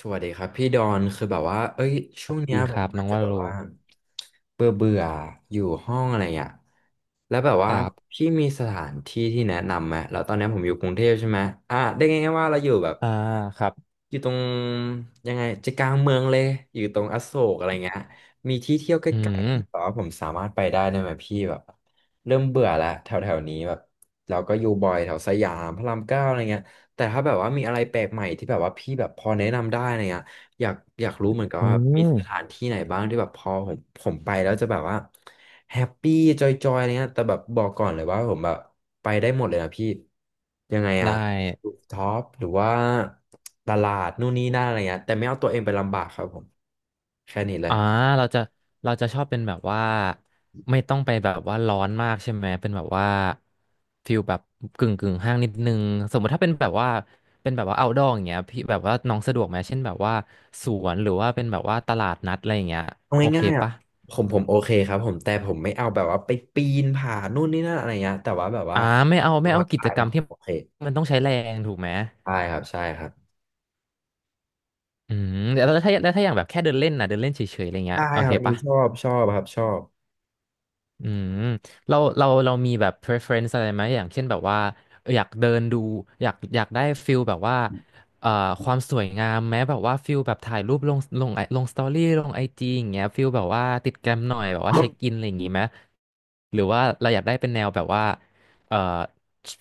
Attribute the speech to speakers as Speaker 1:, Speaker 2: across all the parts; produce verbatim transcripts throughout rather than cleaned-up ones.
Speaker 1: สวัสดีครับพี่ดอนคือแบบว่าเอ้ยช่วงเนี้
Speaker 2: ดี
Speaker 1: ย
Speaker 2: ค
Speaker 1: ผ
Speaker 2: รั
Speaker 1: ม
Speaker 2: บน้
Speaker 1: อาจ
Speaker 2: อง
Speaker 1: จะ
Speaker 2: ว่า
Speaker 1: แบบ
Speaker 2: โล
Speaker 1: ว่าเบื่อเบื่ออยู่ห้องอะไรอ่ะแล้วแบบ
Speaker 2: ค
Speaker 1: ว่า
Speaker 2: รับ
Speaker 1: พี่มีสถานที่ที่แนะนำไหมแล้วตอนเนี้ยผมอยู่กรุงเทพใช่ไหมอ่ะได้ไงายๆว่าเราอยู่แบบ
Speaker 2: อ่าครับ
Speaker 1: อยู่ตรงยังไงใจกลางเมืองเลยอยู่ตรงอโศกอะไรเงี้ยมีที่เที่ยวใก
Speaker 2: อื
Speaker 1: ล้ๆที่แบ
Speaker 2: ม
Speaker 1: บว่าผมสามารถไปได้ได้ไหมพี่แบบเริ่มเบื่อแล้วแถวแถวนี้แบบเราก็อยู่บ่อยแถวสยามพระรามเก้าอะไรเงี้ยแต่ถ้าแบบว่ามีอะไรแปลกใหม่ที่แบบว่าพี่แบบพอแนะนำได้อะไรเงี้ย อยากอยากรู้เหมือนกัน
Speaker 2: อื
Speaker 1: ว่ามีสถา
Speaker 2: ม
Speaker 1: นที่ไหนบ้างที่แบบพอผมผมไปแล้วจะแบบว่าแฮปปี้จอยๆอะไรเงี้ยแต่แบบบอกก่อนเลยว่าผมแบบไปได้หมดเลยนะพี่ยังไง
Speaker 2: ได้
Speaker 1: อะรูฟท็อปหรือว่าตลาดนู่นนี่นั่นอะไรเงี้ยแต่ไม่เอาตัวเองไปลำบากครับผมแค่นี้เลย
Speaker 2: อ่าเราจะเราจะชอบเป็นแบบว่าไม่ต้องไปแบบว่าร้อนมากใช่ไหมเป็นแบบว่าฟิลแบบกึ่งกึ่งห้างนิดนึงสมมติถ้าเป็นแบบว่าเป็นแบบว่า outdoor อย่างเงี้ยพี่แบบว่าน้องสะดวกไหมเช่นแบบว่าสวนหรือว่าเป็นแบบว่าตลาดนัดอะไรอย่างเงี้ย
Speaker 1: เอา
Speaker 2: โอเค
Speaker 1: ง่ายๆอ่ะ
Speaker 2: ปะ
Speaker 1: ผมผมโอเคครับผมแต่ผมไม่เอาแบบว่าไปปีนผานู่นนี่นั่นอะไรเงี้ยแต่ว่าแบบว่า
Speaker 2: อ่าไม่เอา
Speaker 1: น
Speaker 2: ไม่
Speaker 1: อ
Speaker 2: เอา
Speaker 1: น
Speaker 2: กิ
Speaker 1: ได้
Speaker 2: จกร
Speaker 1: นะ
Speaker 2: ร
Speaker 1: ค
Speaker 2: ม
Speaker 1: รับ
Speaker 2: ที่
Speaker 1: โอเค
Speaker 2: มันต้องใช้แรงถูกไหม
Speaker 1: ได้ครับใช่ครับ
Speaker 2: อืมแล้วถ้าแล้วถ้าอย่างแบบแค่เดินเล่นนะเดินเล่นเฉยๆอะไรเงี้ย
Speaker 1: ได้
Speaker 2: โอ
Speaker 1: ค
Speaker 2: เค
Speaker 1: รับอันนี้
Speaker 2: ปะ
Speaker 1: ชอบชอบครับชอบ
Speaker 2: อืมเราเราเรามีแบบ preference อะไรไหมอย่างเช่นแบบว่าเอออยากเดินดูอยากอยากได้ฟิลแบบว่าเอ่อความสวยงามแม้แบบว่าฟิลแบบถ่ายรูปลงลงไอลงสตอรี่ลงไอจีอย่างเงี้ยฟิลแบบว่าติดแกรมหน่อยแบบว่าเช็คอินอะไรอย่างงี้ไหมหรือว่าเราอยากได้เป็นแนวแบบว่าเอ่อ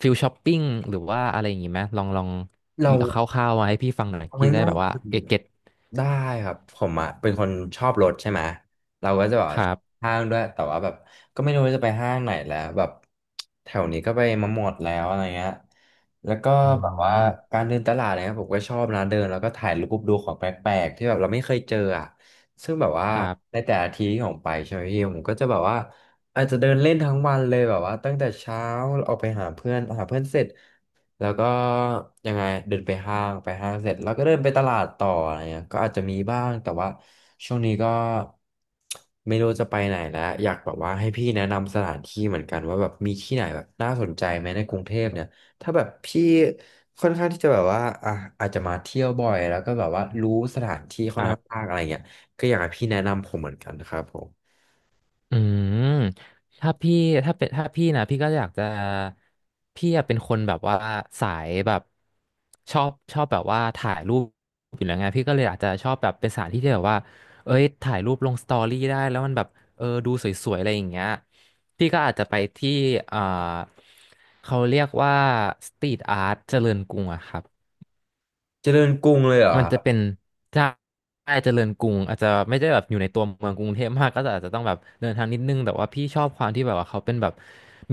Speaker 2: ฟิลช้อปปิ้งหรือว่าอะไรอย่างงี้ไหมลองลอง
Speaker 1: เรา
Speaker 2: คร่าวๆมาให้พี่ฟังหน่อย
Speaker 1: เอา
Speaker 2: พี่จะได้
Speaker 1: ง่าย
Speaker 2: แบบ
Speaker 1: ๆ
Speaker 2: ว่า
Speaker 1: คือ
Speaker 2: เกตเก็ต
Speaker 1: ได้ครับผมอ่ะเป็นคนชอบรถใช่ไหมเราก็จะแบบ
Speaker 2: ค
Speaker 1: ว่า
Speaker 2: รั
Speaker 1: ชอบ
Speaker 2: บ
Speaker 1: ห้างด้วยแต่ว่าแบบก็ไม่รู้ว่าจะไปห้างไหนแล้วแบบแถวนี้ก็ไปมาหมดแล้วอะไรเงี้ยแล้วก็
Speaker 2: อื
Speaker 1: แบบว่า
Speaker 2: ม
Speaker 1: การเดินตลาดอะไรเงี้ยผมก็ชอบนะเดินแล้วก็ถ่ายรูปดูของแปลกๆที่แบบเราไม่เคยเจออ่ะซึ่งแบบว่า
Speaker 2: คร
Speaker 1: ในแต่ละทีที่ผมไปใช่ไหมพี่ผมก็จะแบบว่าอาจจะเดินเล่นทั้งวันเลยแบบว่าตั้งแต่เช้าออกไปหาเพื่อนหาเพื่อนเสร็จ แล้วก็ยังไงเดินไปห้างไปห้างเสร็จแล้วก็เดินไปตลาดต่ออะไรเงี้ยก็อาจจะมีบ้างแต่ว่าช่วงนี้ก็ไม่รู้จะไปไหนแล้วอยากแบบว่าให้พี่แนะนำสถานที่เหมือนกันว่าแบบมีที่ไหนแบบน่าสนใจไหมในกรุงเทพเนี่ยถ้าแบบพี่ค่อนข้างที่จะแบบว่าอ่ะอาจจะมาเที่ยวบ่อยแล้วก็แบบว่ารู้สถานที่ค่อน
Speaker 2: ั
Speaker 1: ข้า
Speaker 2: บ
Speaker 1: งมากอะไรเงี้ยก็อยากให้พี่แนะนำผมเหมือนกันนะครับผม
Speaker 2: อืมถ้าพี่ถ้าเป็นถ้าพี่นะพี่ก็อยากจะพี่อะเป็นคนแบบว่าสายแบบชอบชอบแบบว่าถ่ายรูปอยู่แล้วไงพี่ก็เลยอาจจะชอบแบบเป็นสถานที่ที่แบบว่าเอ้ยถ่ายรูปลงสตอรี่ได้แล้วมันแบบเออดูสวยๆอะไรอย่างเงี้ยพี่ก็อาจจะไปที่อ่าเขาเรียกว่าสตรีทอาร์ตเจริญกรุงอะครับ
Speaker 1: เจริญกรุงเลยเหรอ
Speaker 2: มั
Speaker 1: ค
Speaker 2: น
Speaker 1: รั
Speaker 2: จะเป็
Speaker 1: บ
Speaker 2: นใช่เจริญกรุงอาจจะไม่ได้แบบอยู่ในตัวเมืองกรุงเทพมากก็จะอาจจะต้องแบบเดินทางนิดนึงแต่ว่าพี่ชอบความที่แบบว่าเขาเป็นแบบ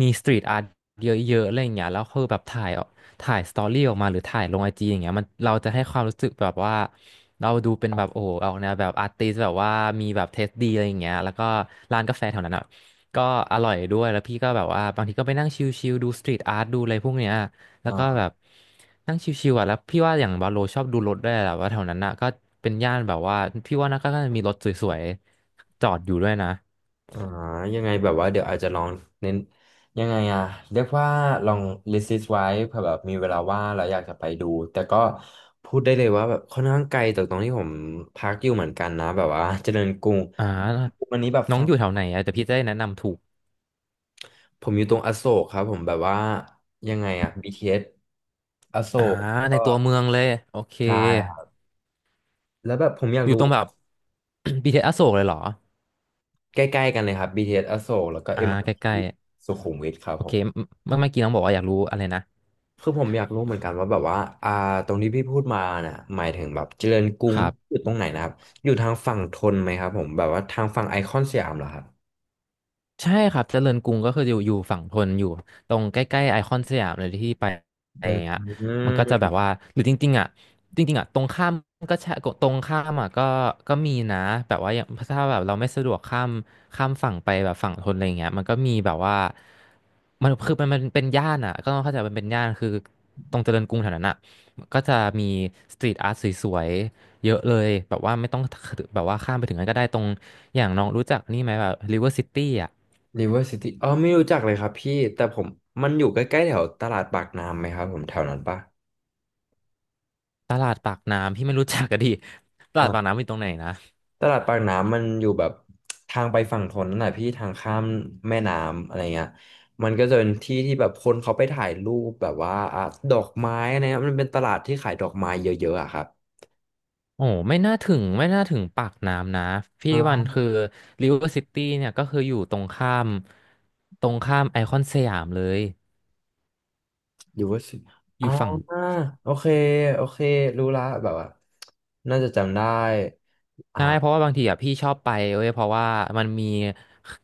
Speaker 2: มีสตรีทอาร์ตเยอะๆอะไรอย่างเงี้ยแล้วคือแบบถ่ายออกถ่ายสตอรี่ออกมาหรือถ่ายลงไอจีอย่างเงี้ยมันเราจะให้ความรู้สึกแบบว่าเราดูเป็นแบบโอ้โหออกแนวแบบอาร์ติสแบบว่ามีแบบเทสดีอะไรอย่างเงี้ยแล้วก็ร้านกาแฟแถวนั้นอ่ะก็อร่อยด้วยแล้วพี่ก็แบบว่าบางทีก็ไปนั่งชิลๆดูสตรีทอาร์ตดูอะไรพวกเนี้ย แล้วก็แบบนั่งชิวๆอ่ะแล้วพี่ว่าอย่างบาโลชอบดูรถด้วยแหละว่าแถวนั้นน่ะก็เป็นย่านแบบว่าพี่ว่าน่าก็น่าจะมีรถสวยๆจอดอยู่ด้วยนะ
Speaker 1: อ่ายังไงแบบว่าเดี๋ยวอาจจะลองเน้นยังไงอะเรียกว่าลอง list it ไว้เผื่อแบบมีเวลาว่างเราอยากจะไปดูแต่ก็พูดได้เลยว่าแบบค่อนข้างไกลจากตรงที่ผมพักอยู่เหมือนกันนะแบบว่าเจริญกรุง
Speaker 2: อ่า
Speaker 1: วันนี้แบบ
Speaker 2: น้อ
Speaker 1: ฟั
Speaker 2: ง
Speaker 1: ง
Speaker 2: อยู่แถวไหนอ่ะแต่พี่จะได้แนะนำถูก
Speaker 1: ผมอยู่ตรงอโศกครับผมแบบว่ายังไงอะ บี ที เอส อสอโศ
Speaker 2: อ่า
Speaker 1: กแล้ว
Speaker 2: ใน
Speaker 1: ก็
Speaker 2: ตัวเมืองเลยโอเค
Speaker 1: ใช่ครับแล้วแบบผมอยาก
Speaker 2: อยู่
Speaker 1: รู้
Speaker 2: ตรงแบบ บี ที เอส อสอโศกเลยเหรอ
Speaker 1: ใกล้ๆกันเลยครับ บี ที เอส อสอโศกแล้วก็
Speaker 2: อ่า
Speaker 1: m r
Speaker 2: ใกล้
Speaker 1: ีสุขุมวิทครั
Speaker 2: ๆ
Speaker 1: บ
Speaker 2: โอ
Speaker 1: ผ
Speaker 2: เค
Speaker 1: ม
Speaker 2: เมื่อเมื่อกี้น้องบอกว่าอยากรู้อะไรนะ
Speaker 1: คือผมอยากรู้เหมือนกันว่าแบบว่าอ่าตรงที่พี่พูดมาน่ะหมายถึงแบบเจริญกรุง
Speaker 2: ครั
Speaker 1: อ
Speaker 2: บ
Speaker 1: ยู่ตรงไหนนะครับอยู่ทางฝั่งธนไหมครับผมแบบว่าทางฝั่งไอคอนสยามเหรอครับ
Speaker 2: ใช่ครับเจริญกรุงก็คืออยู่อยู่ฝั่งธนอยู่ตรงใกล้ๆไอคอนสยามเลยที่ไปอะไร
Speaker 1: อื
Speaker 2: อย่างเงี้ย
Speaker 1: ม
Speaker 2: มันก็จะแบบว่าหรือจริงๆอ่ะจริงๆอ่ะตรงข้ามก็ใช่ตรงข้ามอ่ะก็ก็มีนะแบบว่าอย่างถ้าแบบเราไม่สะดวกข้ามข้ามฝั่งไปแบบฝั่งธนอะไรอย่างเงี้ยมันก็มีแบบว่ามันคือมันมันเป็นย่านอ่ะก็ต้องเข้าใจมันเป็นย่านคือตรงเจริญกรุงแถวนั้นอ่ะก็จะมีสตรีทอาร์ตสวยๆเยอะเลยแบบว่าไม่ต้องแบบว่าข้ามไปถึงนั้นก็ได้ตรงอย่างน้องรู้จักนี่ไหมแบบริเวอร์ซิตี้อ่ะ
Speaker 1: ริเวอร์ซิตี้อ๋อไม่รู้จักเลยครับพี่แต่ผมมันอยู่ใกล้ๆแถวตลาดปากน้ำไหมครับผมแถวนั้นปะ
Speaker 2: ตลาดปากน้ำพี่ไม่รู้จักก็ดี ต
Speaker 1: อ่
Speaker 2: ลาดปาก
Speaker 1: า
Speaker 2: น้ำอยู่ตรงไหนนะ
Speaker 1: ตลาดปากน้ำมันอยู่แบบทางไปฝั่งธนนั่นแหละพี่ทางข้ามแม่น้ำอะไรเงี้ยมันก็จะเป็นที่ที่แบบคนเขาไปถ่ายรูปแบบว่าอ่ะดอกไม้อะไรเงี้ยมันเป็นตลาดที่ขายดอกไม้เยอะๆอะครับ
Speaker 2: โอ้ไม่น่าถึงไม่น่าถึงปากน้ำนะพี่วันคือริเวอร์ซิตี้เนี่ยก็คืออยู่ตรงข้ามตรงข้ามไอคอนสยามเลย
Speaker 1: อยู่ว่าสิ
Speaker 2: อ
Speaker 1: อ่า
Speaker 2: ยู่ฝั่ง
Speaker 1: โอเคโอเครู้ละแบบว่าน่าจะจำได้
Speaker 2: ใช่เพราะว่าบางทีอ่ะพี่ชอบไปเว้ยเพราะว่ามันมี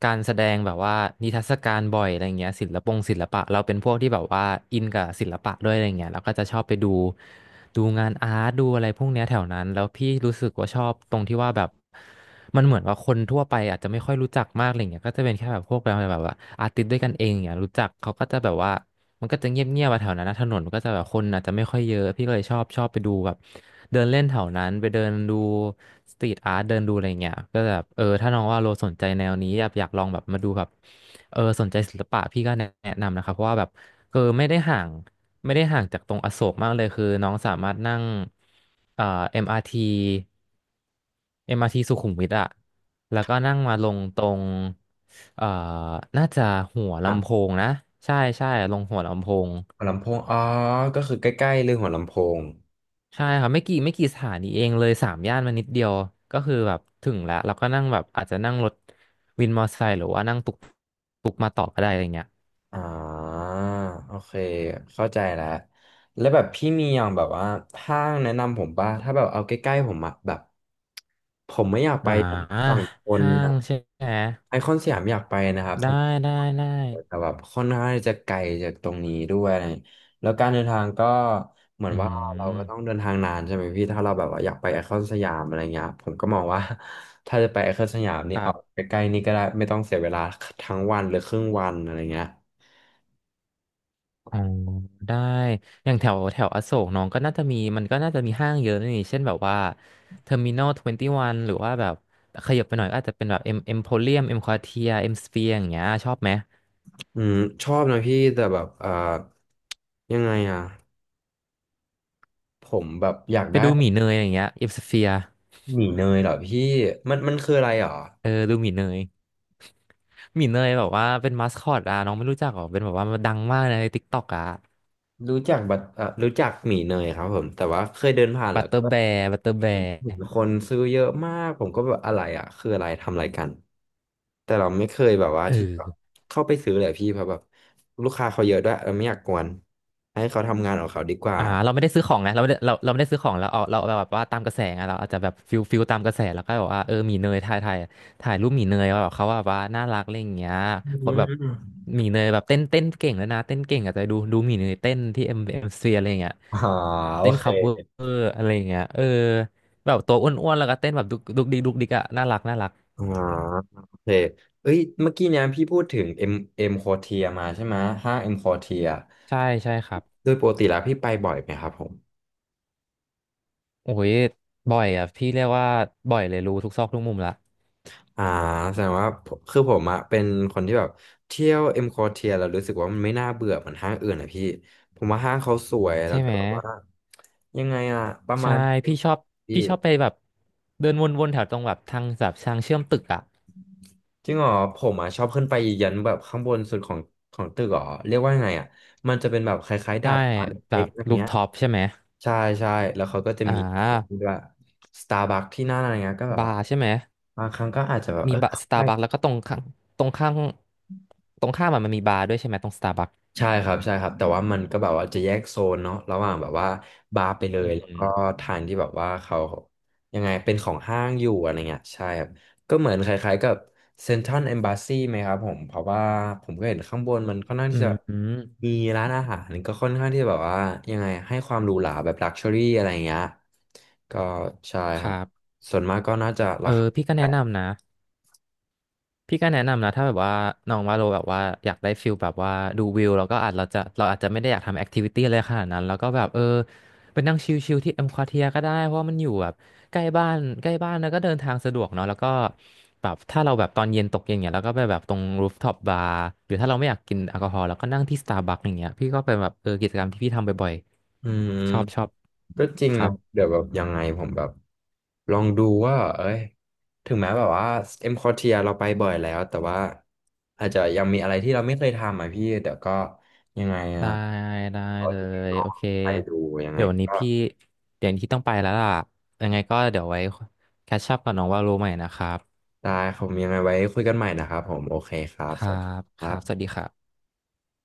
Speaker 2: การแสดงแบบว่านิทรรศการบ่อยอะไรเงี้ยศิลปงศิลปะเราเป็นพวกที่แบบว่าอินกับศิลปะด้วยอะไรเงี้ยเราก็จะชอบไปดูดูงานอาร์ตดูอะไรพวกเนี้ยแถวนั้นแล้วพี่รู้สึกว่าชอบตรงที่ว่าแบบมันเหมือนว่าคนทั่วไปอาจจะไม่ค่อยรู้จักมากอะไรเงี้ยก็จะเป็นแค่แบบพวกแบบแบบว่าอาร์ติสต์ด้วยกันเองอย่างเงี้ยรู้จักเขาก็จะแบบว่า มันก็จะเงียบเงียบแถวนั้นนะถนนมันก็จะแบบคนอาจจะไม่ค่อยเยอะพี่ก็เลยชอบชอบไปดูแบบเดินเล่นแถวนั้นไปเดินดูสตรีทอาร์ตเดินดูอะไรเงี้ยก็แบบเออถ้าน้องว่าโลสนใจแนวนี้อยากอยากลองแบบมาดูแบบเออสนใจศิลปะพี่ก็แนะแนะนำนะครับเพราะว่าแบบเออไม่ได้ห่างไม่ได้ห่างจากตรงอโศกมากเลยคือน้องสามารถนั่งเอ่อ เอ็ม อาร์ ที เอ็มอาร์ทีสุขุมวิทอะแล้วก็นั่งมาลงตรง เอ่อ น่าจะหัวลำโพ
Speaker 1: อ่ะ
Speaker 2: งนะ ใช่ใช่ลงหัวลำโพง
Speaker 1: หัวลำโพงอ๋อก็คือใกล้ๆเรื่องหัวลำโพง
Speaker 2: ใช่ครับไม่กี่ไม่กี่สถานีเองเลยสามย่านมานิดเดียวก็คือแบบถึงแล้วแล้วก็นั่งแบบอาจจะนั่งรถวินมอเตอร์ไซค์หรือว่านั่งตุกตุกมาต่อก็ได้อะไรเงี้ย
Speaker 1: อ่าโอเคเข้าใจแล้ว แล้วแบบพี่มีอย่างแบบว่าห้างแนะนำผมป่ะถ้าแบบเอาใกล้ๆผมอะแบบผมไม่อยาก
Speaker 2: อ
Speaker 1: ไป
Speaker 2: ่า
Speaker 1: ฝั่งทน
Speaker 2: ห้าง
Speaker 1: อะ
Speaker 2: ใช่ไหม
Speaker 1: ไอคอนสยามอยากไปนะครับผ
Speaker 2: ได้
Speaker 1: ม
Speaker 2: ได้ได้
Speaker 1: แต่แบบค่อนข้างที่จะไกลจากตรงนี้ด้วยแล้วการเดินทางก็เหมือ
Speaker 2: อื
Speaker 1: นว่าเราก็ต้อง
Speaker 2: ม
Speaker 1: เดินทางนานใช่ไหมพี่ถ้าเราแบบว่าอยากไปไอคอนสยามอะไรเงี้ยผมก็มองว่า ถ้าจะไปไอคอนสยามนี่
Speaker 2: ครั
Speaker 1: เอาใก
Speaker 2: บ
Speaker 1: ล้ๆนี่ก็ได้ไม่ต้องเสียเวลาทั้งวันหรือครึ่งวันอะไรเงี้ย
Speaker 2: อ๋อได้อย่างแถวแถวอโศกน้องก็น่าจะมีมันก็น่าจะมีห้างเยอะนี่เช่นแบบว่าเทอร์มินอลทเวนตี้วันหรือว่าแบบขยับไปหน่อยก็อาจจะเป็นแบบเอ็มเอ็มโพเรียมเอ็มควอเทียเอ็มสเฟียอย่างเงี้ยชอบไหม
Speaker 1: อืมชอบนะพี่แต่แบบเอ่อยังไงอ่ะผมแบบอยาก
Speaker 2: ไป
Speaker 1: ได้
Speaker 2: ดูหมีเนยอย่างเงี้ยเอ็มสเฟีย
Speaker 1: หมี่เนยเหรอพี่มันมันคืออะไรเหรอ
Speaker 2: เออดูหมีเนยหมีเนยแบบว่าเป็นมาสคอตอ่ะน้องไม่รู้จักหรอเป็นแบบว่ามันดังมากในทิกตอกอ่ะ
Speaker 1: รู้จักบัตอ่ะรู้จักหมี่เนยครับผมแต่ว่าเคยเดินผ่าน
Speaker 2: บั
Speaker 1: แล้
Speaker 2: ต
Speaker 1: ว
Speaker 2: เตอร์
Speaker 1: ก็
Speaker 2: แบร์บัตเตอร์แบ
Speaker 1: เห็น
Speaker 2: ร์
Speaker 1: คนซื้อเยอะมากผมก็แบบอะไรอ่ะคืออะไรทำอะไรกันแต่เราไม่เคยแบบว่า
Speaker 2: เอ
Speaker 1: ที่แบบ
Speaker 2: อ
Speaker 1: เข้าไปซื้อเลยพี่เพราะแบบลูกค้าเขาเยอะด้วยเราไม่อยากกวนให้เขาทำงานของเขาดีกว่า
Speaker 2: อ่าเราไม่ได้ซื้อของไงเราไม่ได้เราเราไม่ได้ซื้อของเราเอาเราเราแบบว่าตามกระแสไงเราอาจจะแบบฟิลฟิลตามกระแสแล้วก็แบบว่าเออหมีเนยถ่ายถ่ายถ่ายรูปหมีเนยว่าแบบเขาว่าแบบว่าน่ารักอะไรอย่างเงี้ย
Speaker 1: อื
Speaker 2: คนแบบ
Speaker 1: ม
Speaker 2: หมีเนยแบบเต้นเต้นเก่งแล้วนะเต้นเก่งอาจจะดูดูหมีเนยเต้นที่เอ็มเอ็มซีอะไรอย่างเงี้ย
Speaker 1: อ๋อโอ
Speaker 2: เต้น
Speaker 1: เค
Speaker 2: คัฟเวอร์อะไรอย่างเงี้ยเออแบบตัวอ้วนๆแล้วก็เต้นแบบดุกดุกดิกดุกดิกอะน่ารักน่ารัก
Speaker 1: อ๋อโอเคเอ้ยเมื่อกี้เนี่ยพี่พูดถึงเอ็มเอ็มโคเทียมาใช่ไหมห้างเอ็มโคเทีย
Speaker 2: ใช่ใช่ครับ
Speaker 1: โดยปกติแล้วพี่ไปบ่อยไหมครับผม
Speaker 2: โอ้ยบ่อยอ่ะพี่เรียกว่าบ่อยเลยรู้ทุกซอกทุกมุมละ
Speaker 1: อ่าแสดงว่าผมคือผมอะเป็นคนที่แบบเที่ยวเอ็มคอเทียแล้วรู้สึกว่ามันไม่น่าเบื่อเหมือนห้างอื่นอะพี่ผมว่าห้างเขาสวยแล้
Speaker 2: ใช่
Speaker 1: วก็
Speaker 2: ไหม
Speaker 1: แบบว่ายังไงอะประมา
Speaker 2: ใช่
Speaker 1: ณ
Speaker 2: พี่ชอบ
Speaker 1: พี่
Speaker 2: พี่ชอบไปแบบเดินวนๆแถวตรงแบบทางแบบทางเชื่อมตึกอ่ะ
Speaker 1: จริงเหรอผมอะชอบขึ้นไปยันแบบข้างบนสุดของของตึกเหรอเรียกว่ายังไงอะมันจะเป็นแบบคล้ายๆดา
Speaker 2: ใช่
Speaker 1: ดฟ้าเล
Speaker 2: แบ
Speaker 1: ็กๆ
Speaker 2: บ
Speaker 1: อะไร
Speaker 2: รูฟ
Speaker 1: เงี้ย
Speaker 2: ท็อปใช่ไหม
Speaker 1: ใช่ใช่แล้วเขาก็จะ
Speaker 2: อ่
Speaker 1: มีเนี่ยที่
Speaker 2: า
Speaker 1: ด้วยสตาร์บัคที่นั่นอะไรเงี้ยก็แบบ
Speaker 2: บา
Speaker 1: ว่า
Speaker 2: ร์ใช่ไหม
Speaker 1: บางครั้งก็อาจจะแบบ
Speaker 2: มี
Speaker 1: เออ
Speaker 2: บาร์
Speaker 1: เข้า
Speaker 2: สตา
Speaker 1: ไป
Speaker 2: ร์บัคแล้วก็ตรงข้างตรงข้างตรงข้ามอะมันมีบาร์ด้วยใช่ไหมตรงสตาร์บัค
Speaker 1: ใช่ครับใช่ครับแต่ว่ามันก็แบบว่าจะแยกโซนเนาะระหว่างแบบว่าบาร์ไปเล
Speaker 2: อื
Speaker 1: ยแล้วก็
Speaker 2: ม
Speaker 1: ทานที่แบบว่าเขายังไงเป็นของห้างอยู่อะไรเงี้ยใช่ครับก็เหมือนคล้ายๆกับเซ็นทรัลเอมบ s สซีไหมครับผมเพราะว่าผมก็เห็นข้างบนมันค่อนข้าง
Speaker 2: อื
Speaker 1: ที่จะ
Speaker 2: มอืม
Speaker 1: มีร้านอาหารก็ค่อนข้างที่จะแบบว่ายังไงให้ความหรูหราแบบลักชัวรี่อะไรเงี้ยก็ใช่
Speaker 2: ค
Speaker 1: ครั
Speaker 2: รั
Speaker 1: บ
Speaker 2: บ
Speaker 1: ส่วนมากก็น่าจะ
Speaker 2: เอ
Speaker 1: รา
Speaker 2: อ
Speaker 1: คา
Speaker 2: พี่ก็แนะนำนะ พี่ก็แนะนำนะถ้าแบบว่าน้องว่าโลแบบว่าอยากได้ฟิลแบบว่าดูวิวแล้วก็อาจเราจะเราอาจจะไม่ได้อยากทำแอคทิวิตี้อะไรขนาดนั้นแล้วก็แบบเออไปนั่งชิลๆที่เอ็มควอเทียก็ได้เพราะว่ามันอยู่แบบใกล้บ้านใกล้บ้านแล้วก็เดินทางสะดวกเนาะแล้วก็แบบถ้าเราแบบตอนเย็นตกเย็นเนี่ยเราก็ไปแบบตรงรูฟท็อปบาร์หรือถ้าเราไม่อยากกินแอลกอฮอล์เราก็นั่งที่สตาร์บัคอย่างเงี้ยพี่ก็เป็นแบบเออกิจกรรมที่พี่ทำบ่อย
Speaker 1: อืม
Speaker 2: ๆชอบชอบ
Speaker 1: ก็จริง
Speaker 2: ครั
Speaker 1: นะ
Speaker 2: บ
Speaker 1: เดี๋ยวแบบยังไงผมแบบลองดูว่าเอ้ยถึงแม้แบบว่าเอ็มคอเทียเราไปบ่อยแล้วแต่ว่าอาจจะยังมีอะไรที่เราไม่เคยทำอ่ะพี่เดี๋ยวก็ยังไงอ่ะ
Speaker 2: ได้ได้
Speaker 1: ขอ
Speaker 2: เลย
Speaker 1: ลอ
Speaker 2: โอ
Speaker 1: ง
Speaker 2: เค
Speaker 1: ไปดูยัง
Speaker 2: เดี๋
Speaker 1: ไง
Speaker 2: ยววันนี้
Speaker 1: ก็
Speaker 2: พี่เดี๋ยวที่ต้องไปแล้วล่ะยังไงก็เดี๋ยวไว้แคชชัพกับน้องว่ารู้ใหม่นะครับ
Speaker 1: ได้ผมยังไงไว้คุยกันใหม่นะครับผมโอเคครั
Speaker 2: ค
Speaker 1: บส
Speaker 2: รั
Speaker 1: วัสดี
Speaker 2: บ
Speaker 1: ค
Speaker 2: ค
Speaker 1: รั
Speaker 2: รับสวัสดี
Speaker 1: บ
Speaker 2: ครับ